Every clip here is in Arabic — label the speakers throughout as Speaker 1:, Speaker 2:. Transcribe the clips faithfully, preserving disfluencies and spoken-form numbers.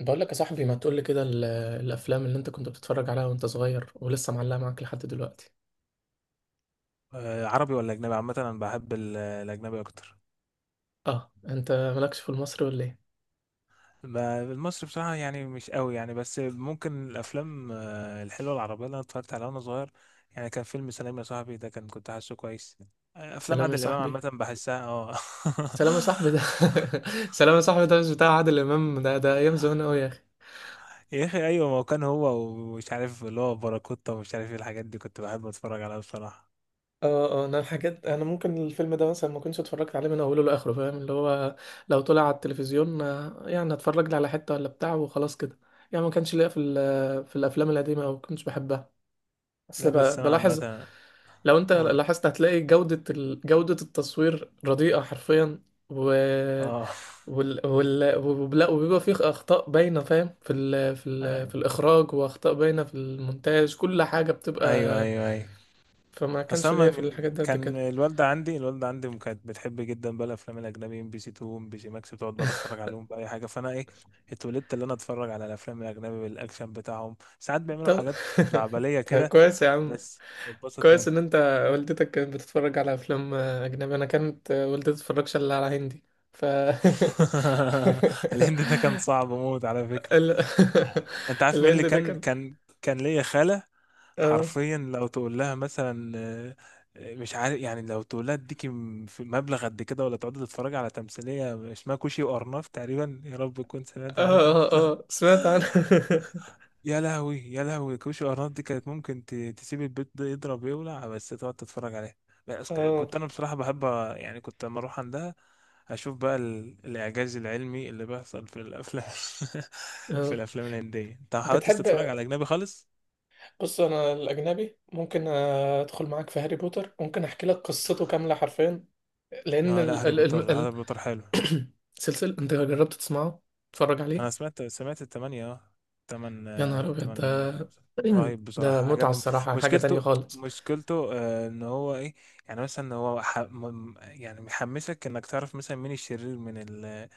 Speaker 1: بقول لك يا صاحبي، ما تقول لي كده ال- الافلام اللي انت كنت بتتفرج عليها وانت صغير ولسه معلقه معاك لحد دلوقتي.
Speaker 2: آه، عربي ولا اجنبي؟ عامه انا بحب ال- الاجنبي اكتر.
Speaker 1: اه، انت مالكش في المصري ولا ايه؟
Speaker 2: ما- المصري بصراحه يعني مش قوي يعني، بس ممكن الافلام آه، الحلوه العربيه اللي انا اتفرجت عليها وانا صغير. يعني كان فيلم سلام يا صاحبي، ده كان كنت حاسه كويس. آه، افلام
Speaker 1: سلام يا
Speaker 2: عادل امام
Speaker 1: صاحبي،
Speaker 2: عامه بحسها اه.
Speaker 1: سلام يا صاحبي ده. سلام يا صاحبي ده مش بتاع عادل امام؟ ده ده ايام زمان قوي يا اخي.
Speaker 2: يا اخي ايوه، ما هو كان هو ومش عارف اللي هو باراكوتا ومش عارف ايه الحاجات دي، كنت بحب اتفرج عليها بصراحه.
Speaker 1: اه اه انا حاجات، انا ممكن الفيلم ده مثلا ما كنتش اتفرجت عليه من اوله لاخره، فاهم، اللي هو لو طلع على التلفزيون آه، يعني اتفرج لي على حته ولا بتاع وخلاص كده. يعني ما كانش ليا في ال- في الافلام القديمه، او كنتش بحبها.
Speaker 2: لا
Speaker 1: اصل
Speaker 2: بس
Speaker 1: ب-
Speaker 2: انا
Speaker 1: بلاحظ،
Speaker 2: عامه
Speaker 1: لو انت
Speaker 2: اقول
Speaker 1: لاحظت هتلاقي جودة ال... جودة التصوير رديئة حرفيا. و...
Speaker 2: اه.
Speaker 1: وال... وال... وبلا... وبيبقى فيه اخطاء باينة، فاهم، في ال... في ال... في الاخراج، واخطاء باينة في المونتاج، كل حاجة بتبقى.
Speaker 2: ايوه ايوه ايوه.
Speaker 1: فما
Speaker 2: اصل
Speaker 1: كانش
Speaker 2: انا
Speaker 1: ليا في
Speaker 2: من
Speaker 1: الحاجات ده قد
Speaker 2: كان
Speaker 1: كده.
Speaker 2: الوالده عندي، الوالده عندي م- كانت بتحب جدا بقى الافلام الاجنبي، ام بي سي اتنين، ام بي سي ماكس، بتقعد بقى تتفرج عليهم باي حاجه، فانا ايه اتولدت اللي انا اتفرج على الافلام الاجنبي بالاكشن بتاعهم. ساعات بيعملوا
Speaker 1: طب
Speaker 2: حاجات خزعبليه
Speaker 1: طب
Speaker 2: كده
Speaker 1: كويس يا عم.
Speaker 2: بس بتبسط
Speaker 1: كويس ان
Speaker 2: منها.
Speaker 1: انت، والدتك كانت بتتفرج على افلام اجنبي، انا كانت والدتي بتتفرجش الا على هندي. ف
Speaker 2: الهند ده كان صعب موت على فكره.
Speaker 1: ال...
Speaker 2: انت عارف مين اللي
Speaker 1: الهند ده
Speaker 2: كان
Speaker 1: كان.
Speaker 2: كان كان ليا خاله،
Speaker 1: اه،
Speaker 2: حرفيا لو تقول لها مثلا آه، آه، مش عارف يعني، لو تقول لها اديكي م- في مبلغ قد كده، ولا تقعدي تتفرجي على تمثيلية اسمها كوشي وأرناف تقريبا، يا رب تكون سمعت
Speaker 1: اه،
Speaker 2: عنها.
Speaker 1: اه، اه، سمعت عنه.
Speaker 2: يا لهوي يا لهوي، كوشي وأرناف دي كانت ممكن ت- تسيب البيت ده يضرب يولع، بس تقعد تتفرج عليها. بس ك-
Speaker 1: اه،
Speaker 2: كنت أنا بصراحة بحب أ- يعني كنت لما أروح عندها، أشوف بقى ال- الإعجاز العلمي اللي بيحصل في الأفلام. في
Speaker 1: اه،
Speaker 2: الأفلام الهندية أنت ما حاولتش
Speaker 1: بتحب.
Speaker 2: تتفرج على أجنبي خالص؟
Speaker 1: بص، انا الاجنبي ممكن ادخل معاك في هاري بوتر، ممكن احكي لك قصته كامله حرفيا، لان
Speaker 2: اه لا،
Speaker 1: ال...
Speaker 2: هاري
Speaker 1: ال...
Speaker 2: بوتر،
Speaker 1: ال... ال...
Speaker 2: هاري بوتر حلو.
Speaker 1: سلسلة. انت جربت تسمعه، تتفرج
Speaker 2: انا
Speaker 1: عليه؟
Speaker 2: سمعت سمعت التمانية اه. تمن
Speaker 1: يا نهار
Speaker 2: آه،
Speaker 1: ابيض
Speaker 2: تمن.
Speaker 1: ده.
Speaker 2: رهيب
Speaker 1: ده
Speaker 2: بصراحة،
Speaker 1: متعة
Speaker 2: عجبني.
Speaker 1: الصراحة، حاجة تانية
Speaker 2: مشكلته
Speaker 1: خالص.
Speaker 2: مشكلته آه، ان هو ايه، يعني مثلا هو ح... م- يعني محمسك انك تعرف مثلا مين الشرير من ال،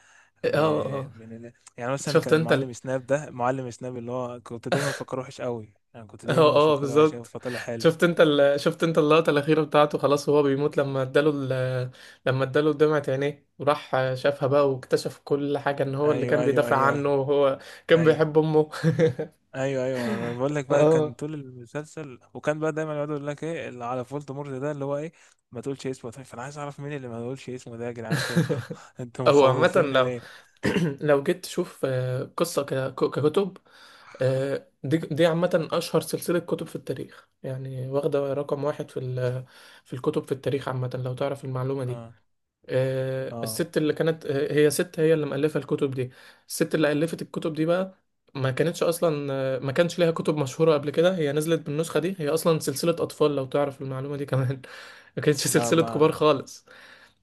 Speaker 1: اه، اه، آه.
Speaker 2: م- من ال. يعني مثلا
Speaker 1: شفت
Speaker 2: كان
Speaker 1: انت.
Speaker 2: المعلم سناب ده، معلم سناب اللي هو كنت دايما بفكره وحش قوي، يعني كنت
Speaker 1: اه،
Speaker 2: دايما
Speaker 1: اه،
Speaker 2: بفكره وحش قوي
Speaker 1: بالظبط.
Speaker 2: فطلع حلو.
Speaker 1: شفت انت ال... شفت انت اللقطة الأخيرة بتاعته، خلاص وهو بيموت لما اداله ال... لما اداله دمعة عينيه، وراح شافها بقى واكتشف كل حاجة، ان هو اللي
Speaker 2: ايوه
Speaker 1: كان
Speaker 2: ايوه
Speaker 1: بيدافع
Speaker 2: ايوه ايوه.
Speaker 1: عنه وهو كان
Speaker 2: أيوة.
Speaker 1: بيحب أمه.
Speaker 2: ايوه ايوه، أنا بقول لك بقى، كان
Speaker 1: اه.
Speaker 2: طول المسلسل وكان بقى دايما يقعدوا يقول لك ايه اللي على فولدمورت ده اللي هو ايه، ما تقولش اسمه. طيب فانا عايز اعرف مين اللي ما تقولش اسمه ده، يا جدعان انتوا انتوا
Speaker 1: هو عامة
Speaker 2: مخوفيني
Speaker 1: لو
Speaker 2: ليه.
Speaker 1: لو جيت تشوف آه، قصة ك- ككتب، آه، دي دي عامة أشهر سلسلة كتب في التاريخ، يعني واخدة رقم واحد في ال- في الكتب في التاريخ عامة، لو تعرف المعلومة دي.
Speaker 2: اه
Speaker 1: آه،
Speaker 2: اه
Speaker 1: الست اللي كانت آه، هي ست، هي اللي مؤلفة الكتب دي. الست اللي ألفت الكتب دي بقى ما كانتش أصلا، آه، ما كانش ليها كتب مشهورة قبل كده، هي نزلت بالنسخة دي، هي أصلا سلسلة أطفال، لو تعرف المعلومة دي كمان. ما كانتش
Speaker 2: لا
Speaker 1: سلسلة كبار
Speaker 2: ما
Speaker 1: خالص.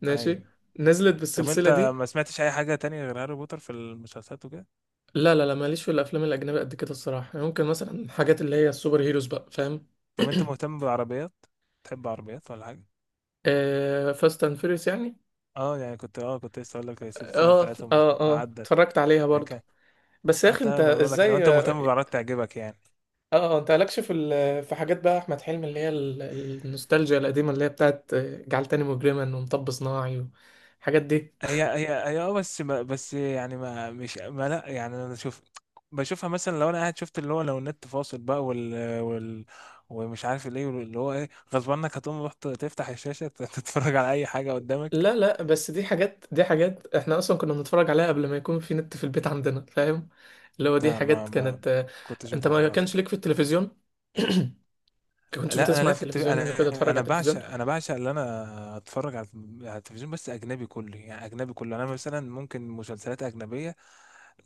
Speaker 1: ماشي،
Speaker 2: ايوه.
Speaker 1: نزلت
Speaker 2: طب انت
Speaker 1: بالسلسلة دي.
Speaker 2: ما سمعتش اي حاجه تانية غير هاري بوتر في المسلسلات وكده؟
Speaker 1: لا، لا، لا، ماليش في الأفلام الأجنبية قد كده الصراحة، يعني ممكن مثلا الحاجات اللي هي السوبر هيروز بقى، فاهم.
Speaker 2: طب انت مهتم بالعربيات؟ تحب عربيات ولا حاجه؟
Speaker 1: آه، فاست اند فيريوس يعني.
Speaker 2: اه يعني كنت، اه كنت لسه اقول لك السلسله
Speaker 1: اه،
Speaker 2: بتاعتهم مش
Speaker 1: اه، اه،
Speaker 2: عدت.
Speaker 1: اتفرجت عليها
Speaker 2: يعني
Speaker 1: برضو.
Speaker 2: كان،
Speaker 1: بس يا
Speaker 2: اه
Speaker 1: اخي، انت
Speaker 2: لا، ما بقول لك لو
Speaker 1: ازاي؟
Speaker 2: انت مهتم بالعربيات تعجبك يعني.
Speaker 1: اه، آه، انت مالكش في ال- في حاجات بقى احمد حلمي، اللي هي ال- النوستالجيا القديمه اللي هي بتاعت جعل تاني مجرما، ومطب صناعي، والحاجات دي.
Speaker 2: هي هي هي اه بس ما بس يعني ما مش ما لا يعني انا شوف. بشوفها مثلا لو انا قاعد، شفت اللي هو لو النت فاصل بقى، وال وال ومش عارف ليه اللي هو ايه، غصب عنك هتقوم رحت تفتح الشاشة تت- تتفرج على اي حاجة قدامك.
Speaker 1: لا، لا، بس دي حاجات، دي حاجات احنا اصلا كنا بنتفرج عليها قبل ما يكون في نت في البيت عندنا، فاهم. اللي هو دي
Speaker 2: لا ما
Speaker 1: حاجات
Speaker 2: ما
Speaker 1: كانت آه،
Speaker 2: كنتش
Speaker 1: انت
Speaker 2: بتابعها
Speaker 1: ما كانش
Speaker 2: خالص.
Speaker 1: ليك في التلفزيون؟ ما كنتش
Speaker 2: لا انا
Speaker 1: بتسمع
Speaker 2: لافت التلف...
Speaker 1: التلفزيون، انا كنت
Speaker 2: انا
Speaker 1: اتفرج على
Speaker 2: انا
Speaker 1: التلفزيون.
Speaker 2: بعشق، انا بعشق اللي انا اتفرج على، على التلفزيون، بس اجنبي كله، يعني اجنبي كله. انا مثلا ممكن مسلسلات اجنبيه،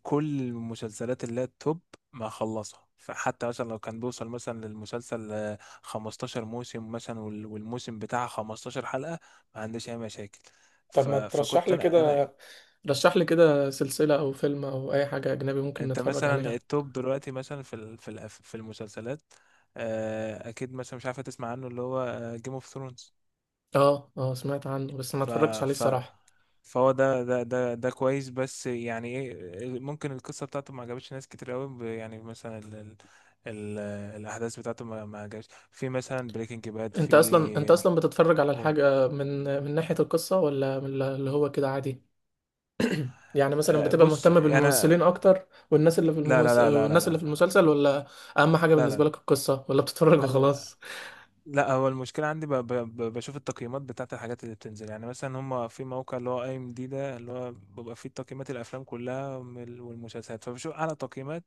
Speaker 2: كل المسلسلات اللي هي التوب ما اخلصها. فحتى مثلا لو كان بيوصل مثلا للمسلسل آه، خمستاشر موسم مثلا، وال- والموسم بتاعه خمستاشر حلقه، ما عنديش اي مشاكل.
Speaker 1: طب
Speaker 2: ف...
Speaker 1: ما ترشح
Speaker 2: فكنت
Speaker 1: لي
Speaker 2: انا انا
Speaker 1: كده، رشح لي كده سلسله او فيلم او اي حاجه اجنبي ممكن
Speaker 2: انت
Speaker 1: نتفرج
Speaker 2: مثلا
Speaker 1: عليها.
Speaker 2: التوب دلوقتي مثلا في ال... في الأف- في المسلسلات، آه، اكيد مثلا مش عارفه تسمع عنه اللي هو جيم اوف ثرونز.
Speaker 1: اه اه سمعت عنه بس ما
Speaker 2: ف
Speaker 1: اتفرجتش عليه
Speaker 2: ف
Speaker 1: الصراحه.
Speaker 2: فهو ده ده ده ده كويس بس يعني ايه، ممكن القصه بتاعته ما عجبتش ناس كتير قوي ب- يعني مثلا ال ال ال الاحداث بتاعته ما ما عجبتش. في مثلا بريكنج باد
Speaker 1: انت اصلا انت
Speaker 2: في
Speaker 1: اصلا بتتفرج على
Speaker 2: قول
Speaker 1: الحاجة من من ناحية القصة، ولا من اللي هو كده عادي؟ يعني مثلا
Speaker 2: آه،
Speaker 1: بتبقى
Speaker 2: بص
Speaker 1: مهتم
Speaker 2: انا
Speaker 1: بالممثلين اكتر والناس اللي في
Speaker 2: لا لا
Speaker 1: الممس...
Speaker 2: لا لا لا
Speaker 1: والناس اللي في
Speaker 2: لا
Speaker 1: المسلسل، ولا اهم حاجة بالنسبة
Speaker 2: لا
Speaker 1: لك القصة، ولا بتتفرج
Speaker 2: لا لا لا
Speaker 1: وخلاص؟
Speaker 2: لا هو المشكلة عندي ب... ب... ب- بشوف التقييمات بتاعت الحاجات اللي بتنزل. يعني مثلا هما في موقع اللي هو اي ام دي ده، اللي هو بيبقى فيه تقييمات الافلام كلها وال- والمسلسلات، فبشوف اعلى تقييمات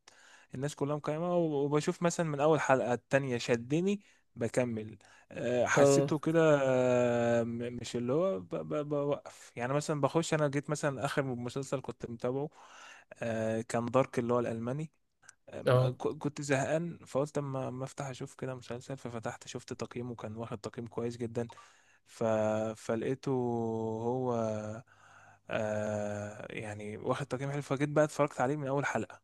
Speaker 2: الناس كلها مقيمة، و- وبشوف مثلا من اول حلقة التانية شدني بكمل. آه،
Speaker 1: اه،
Speaker 2: حسيته كده آه، م- مش اللي هو ب... ب... بوقف. يعني مثلا بخش انا جيت مثلا اخر مسلسل كنت متابعه آه، كان دارك، اللي هو الالماني. أما ك-
Speaker 1: اه،
Speaker 2: كنت زهقان فقلت اما اما افتح اشوف كده مسلسل، ففتحت شفت تقييمه كان واخد تقييم كويس جدا. ف... فلقيته هو آه، يعني واخد تقييم حلو، فجيت بقى اتفرجت عليه من اول حلقة.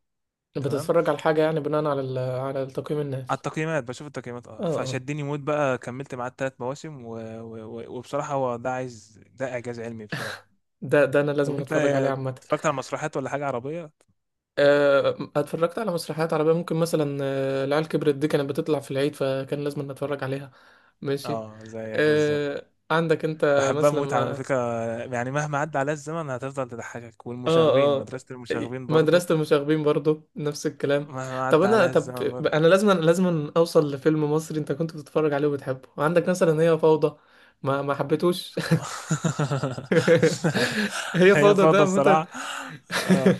Speaker 2: تمام،
Speaker 1: بتتفرج على الحاجة يعني بناء على ال... على تقييم
Speaker 2: على
Speaker 1: الناس؟
Speaker 2: التقييمات، بشوف التقييمات اه،
Speaker 1: اه، اه،
Speaker 2: فشدني موت بقى، كملت معاه التلات مواسم و... و... و- وبصراحة هو ده عايز، ده اعجاز علمي بصراحة.
Speaker 1: ده ده انا
Speaker 2: طب
Speaker 1: لازم
Speaker 2: انت
Speaker 1: اتفرج عليه عامة.
Speaker 2: اتفرجت على مسرحيات ولا حاجة عربية؟
Speaker 1: آه، اتفرجت على مسرحيات عربية، ممكن مثلا آه، العيال كبرت دي كانت بتطلع في العيد، فكان لازم نتفرج عليها. ماشي.
Speaker 2: اه زيك بالظبط،
Speaker 1: آه، عندك انت
Speaker 2: بحبها موت على
Speaker 1: مثلا؟
Speaker 2: فكرة. يعني مهما عدى عليها الزمن هتفضل تضحكك.
Speaker 1: اه،
Speaker 2: والمشاغبين،
Speaker 1: اه،
Speaker 2: مدرسة المشاغبين برضو
Speaker 1: مدرسة المشاغبين برضو، نفس الكلام.
Speaker 2: مهما
Speaker 1: طب
Speaker 2: عدى
Speaker 1: انا،
Speaker 2: عليها
Speaker 1: طب
Speaker 2: الزمن برضو.
Speaker 1: انا لازم، لازم اوصل لفيلم مصري انت كنت بتتفرج عليه وبتحبه. عندك مثلا هي فوضى؟ ما ما حبيتوش؟ هي
Speaker 2: هي
Speaker 1: فوضى ده
Speaker 2: فوضى
Speaker 1: عامة.
Speaker 2: بصراحة اه،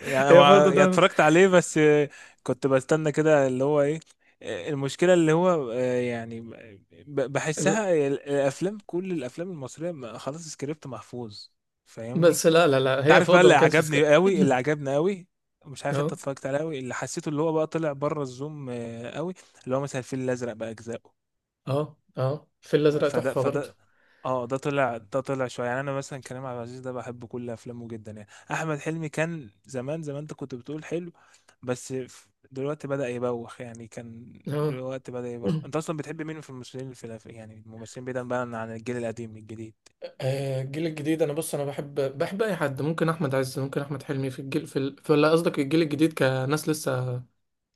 Speaker 2: يعني
Speaker 1: هي
Speaker 2: هو
Speaker 1: فوضى
Speaker 2: يعني
Speaker 1: ده
Speaker 2: اتفرجت عليه بس كنت بستنى كده اللي هو ايه المشكلة. اللي هو آه، يعني ب-
Speaker 1: ال-
Speaker 2: بحسها الافلام، كل الافلام المصرية ما- خلاص سكريبت محفوظ، فاهمني.
Speaker 1: بس لا، لا، لا،
Speaker 2: انت
Speaker 1: هي
Speaker 2: عارف بقى،
Speaker 1: فوضى
Speaker 2: اللي
Speaker 1: ما كانش في سك-
Speaker 2: عجبني قوي اللي عجبني قوي، مش عارف انت
Speaker 1: اه،
Speaker 2: اتفرجت عليه، قوي اللي حسيته اللي هو بقى طلع بره الزوم آه، قوي، اللي هو مثلا الفيل الازرق بقى اجزائه.
Speaker 1: اه، اه، الفيل الازرق
Speaker 2: فده
Speaker 1: تحفة برضو.
Speaker 2: فده اه، ده طلع، ده طلع شويه. يعني انا مثلا كريم عبد العزيز ده بحب كل افلامه جدا. يعني احمد حلمي كان زمان زمان انت كنت بتقول حلو، بس ف- دلوقتي بدأ يبوخ. يعني كان
Speaker 1: اه.
Speaker 2: دلوقتي بدأ يبوخ. انت اصلا بتحب مين في الممثلين في الأف- يعني الممثلين بعيدا بقى عن الجيل القديم، الجديد
Speaker 1: آه، الجيل الجديد. انا بص، انا بحب، بحب اي حد، ممكن احمد عز، ممكن احمد حلمي، في الجيل في ال... في، ولا قصدك الجيل الجديد كناس لسه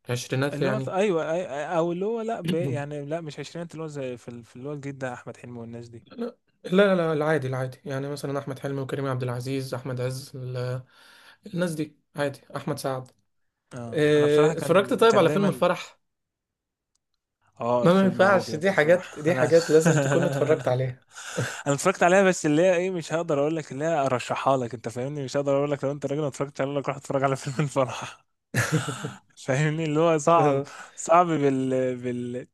Speaker 1: عشرينات
Speaker 2: اللي هو
Speaker 1: يعني؟
Speaker 2: ايوه أي- أي- او اللي هو لا ب... يعني لا مش عشرينات، اللي هو زي في ال- في اللي هو الجديد ده، احمد حلمي والناس دي.
Speaker 1: لا، لا، لا، العادي، العادي، يعني مثلا احمد حلمي وكريم عبد العزيز، احمد عز، ال- الناس دي عادي، احمد سعد.
Speaker 2: اه انا بصراحه
Speaker 1: آه، اتفرجت
Speaker 2: كان
Speaker 1: طيب
Speaker 2: كان
Speaker 1: على فيلم
Speaker 2: دايما
Speaker 1: الفرح؟
Speaker 2: اه،
Speaker 1: ما ما
Speaker 2: فيلم
Speaker 1: ينفعش،
Speaker 2: مجرم
Speaker 1: دي حاجات،
Speaker 2: بصراحه.
Speaker 1: دي
Speaker 2: لا
Speaker 1: حاجات لازم تكون اتفرجت عليها.
Speaker 2: انا اتفرجت عليها، بس اللي هي ايه، مش هقدر اقول لك اللي هي ارشحها لك، انت فاهمني، مش هقدر اقول لك لو انت راجل ما اتفرجتش عليها أقول لك روح اتفرج على فيلم الفرح. فاهمني اللي هو صعب،
Speaker 1: آه.
Speaker 2: صعب بال بال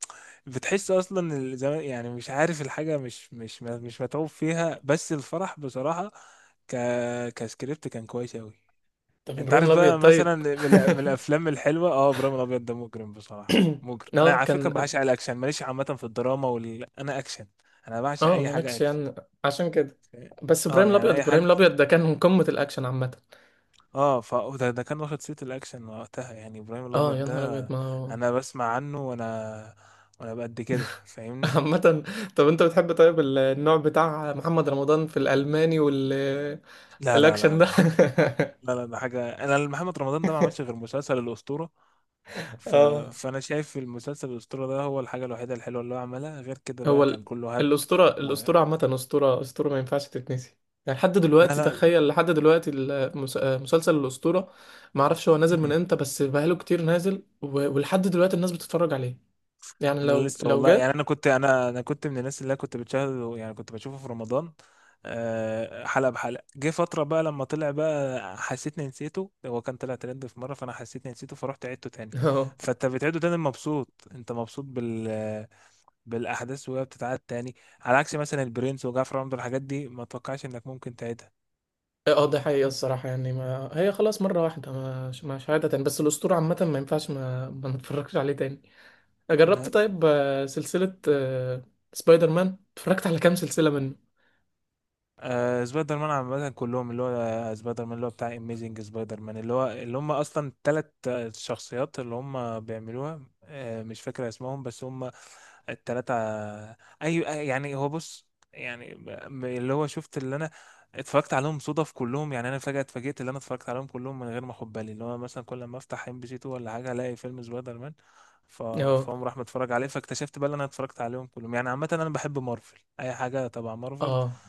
Speaker 2: بتحس اصلا ال- زمان يعني مش عارف الحاجه مش مش مش متعوب فيها، بس الفرح بصراحه ك كسكريبت كان كويس اوي.
Speaker 1: طب
Speaker 2: انت
Speaker 1: ابراهيم
Speaker 2: عارف
Speaker 1: الابيض
Speaker 2: بقى مثلا
Speaker 1: طيب؟
Speaker 2: من، الأ- من الافلام الحلوه اه، ابراهيم الابيض ده مجرم بصراحه، مجرم. انا
Speaker 1: اه،
Speaker 2: على فكره
Speaker 1: كان.
Speaker 2: بعشق الاكشن، ماليش عامه في الدراما وال... انا اكشن. انا بعشق
Speaker 1: اه،
Speaker 2: اي حاجه
Speaker 1: مالكش
Speaker 2: اكشن،
Speaker 1: يعني، عشان كده. بس
Speaker 2: اه
Speaker 1: ابراهيم
Speaker 2: يعني
Speaker 1: الابيض،
Speaker 2: اي
Speaker 1: ابراهيم
Speaker 2: حاجه
Speaker 1: الابيض ده كان من قمة الاكشن عامة.
Speaker 2: اه. فده ده كان واخد صيت الاكشن وقتها، يعني ابراهيم
Speaker 1: اه،
Speaker 2: الابيض
Speaker 1: يا نهار ابيض
Speaker 2: ده
Speaker 1: ما هو.
Speaker 2: انا بسمع عنه وانا وانا بقد كده فاهمني.
Speaker 1: عامة. طب انت بتحب طيب ال- النوع بتاع محمد رمضان في الالماني والاكشن
Speaker 2: لا لا لا لا
Speaker 1: ده؟
Speaker 2: لا لا لا ده حاجه، انا محمد رمضان ده ما عملش غير مسلسل الاسطوره. ف...
Speaker 1: اه.
Speaker 2: فانا شايف المسلسل الاسطوره ده هو الحاجه الوحيده الحلوه اللي هو عملها، غير كده
Speaker 1: هو
Speaker 2: بقى كان
Speaker 1: ال...
Speaker 2: كله هبد.
Speaker 1: الاسطورة،
Speaker 2: و...
Speaker 1: الاسطورة عامة، اسطورة، اسطورة ما ينفعش تتنسي، يعني لحد
Speaker 2: لا
Speaker 1: دلوقتي،
Speaker 2: لا لا
Speaker 1: تخيل لحد دلوقتي، المس... مسلسل الاسطورة. ما اعرفش هو نازل من امتى، بس بقاله كتير نازل، و... ولحد دلوقتي الناس بتتفرج عليه، يعني
Speaker 2: انا
Speaker 1: لو
Speaker 2: لسه
Speaker 1: لو
Speaker 2: والله،
Speaker 1: جه.
Speaker 2: يعني انا كنت، انا انا كنت من الناس اللي أنا كنت بتشاهده، يعني كنت بشوفه في رمضان آه، حلقه بحلقه. جه فتره بقى لما طلع بقى حسيتني نسيته، هو كان طلع ترند في مره، فانا حسيتني نسيته فرحت عدته تاني.
Speaker 1: اه،
Speaker 2: فانت بتعيده تاني مبسوط، انت مبسوط بال بالاحداث وهي بتتعاد تاني، على عكس مثلا البرنس وجعفر العمدة، الحاجات دي ما توقعش انك ممكن تعيدها.
Speaker 1: اه، آه، ده حقيقة الصراحة، يعني ما هي خلاص مرة واحدة، مش مش عادة تاني، بس الأسطورة عامة ما ينفعش، ما ما نتفرجش عليه تاني. آه، جربت طيب آه، سلسلة آه، سبايدر مان؟ اتفرجت على كام سلسلة منه؟
Speaker 2: آه سبايدر مان عامة كلهم، اللي هو آه، سبايدر مان اللي هو بتاع اميزنج سبايدر مان، اللي هو اللي هم اصلا التلات آه، شخصيات اللي هم بيعملوها، آه مش فاكر اسمهم بس هم التلاتة آه، اي أي- يعني هو بص يعني م- اللي هو شفت اللي انا اتفرجت عليهم صدف كلهم. يعني انا فجأة اتفاجئت اللي انا اتفرجت عليهم كلهم من غير ما اخد بالي، اللي هو مثلا كل ما افتح ام بي سي اتنين ولا حاجة الاقي فيلم سبايدر مان. ف...
Speaker 1: اه،
Speaker 2: فهم راح متفرج عليه، فاكتشفت بقى اللي انا اتفرجت عليهم كلهم. يعني عامة انا بحب مارفل، اي حاجة تبع مارفل.
Speaker 1: اه،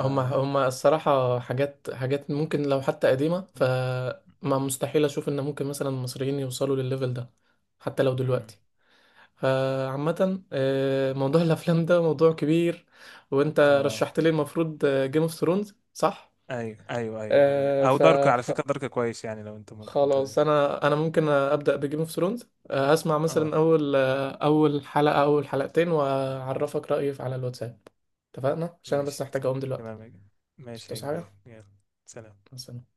Speaker 1: هما هما الصراحة حاجات حاجات ممكن لو حتى قديمة، فما مستحيل أشوف إن ممكن مثلا المصريين يوصلوا للليفل ده حتى لو
Speaker 2: مم.
Speaker 1: دلوقتي. فعامة آه، موضوع الأفلام ده موضوع كبير. وأنت
Speaker 2: اه
Speaker 1: رشحت لي المفروض جيم اوف ثرونز، صح؟
Speaker 2: ايوه ايوه ايوه هذا-
Speaker 1: آه
Speaker 2: او
Speaker 1: ف
Speaker 2: دارك على فكره، دارك كويس يعني لو انت ممكن ت...
Speaker 1: خلاص انا، انا ممكن ابدا بجيم اوف ثرونز. آه، هسمع
Speaker 2: اه
Speaker 1: مثلا اول، آه، اول حلقه، اول حلقتين، واعرفك رايي على الواتساب. اتفقنا؟ عشان انا
Speaker 2: ماشي.
Speaker 1: بس محتاج اقوم دلوقتي،
Speaker 2: تمام يا كبير. ماشي يا
Speaker 1: مش حاجه
Speaker 2: كبير يلا. سلام.
Speaker 1: بس.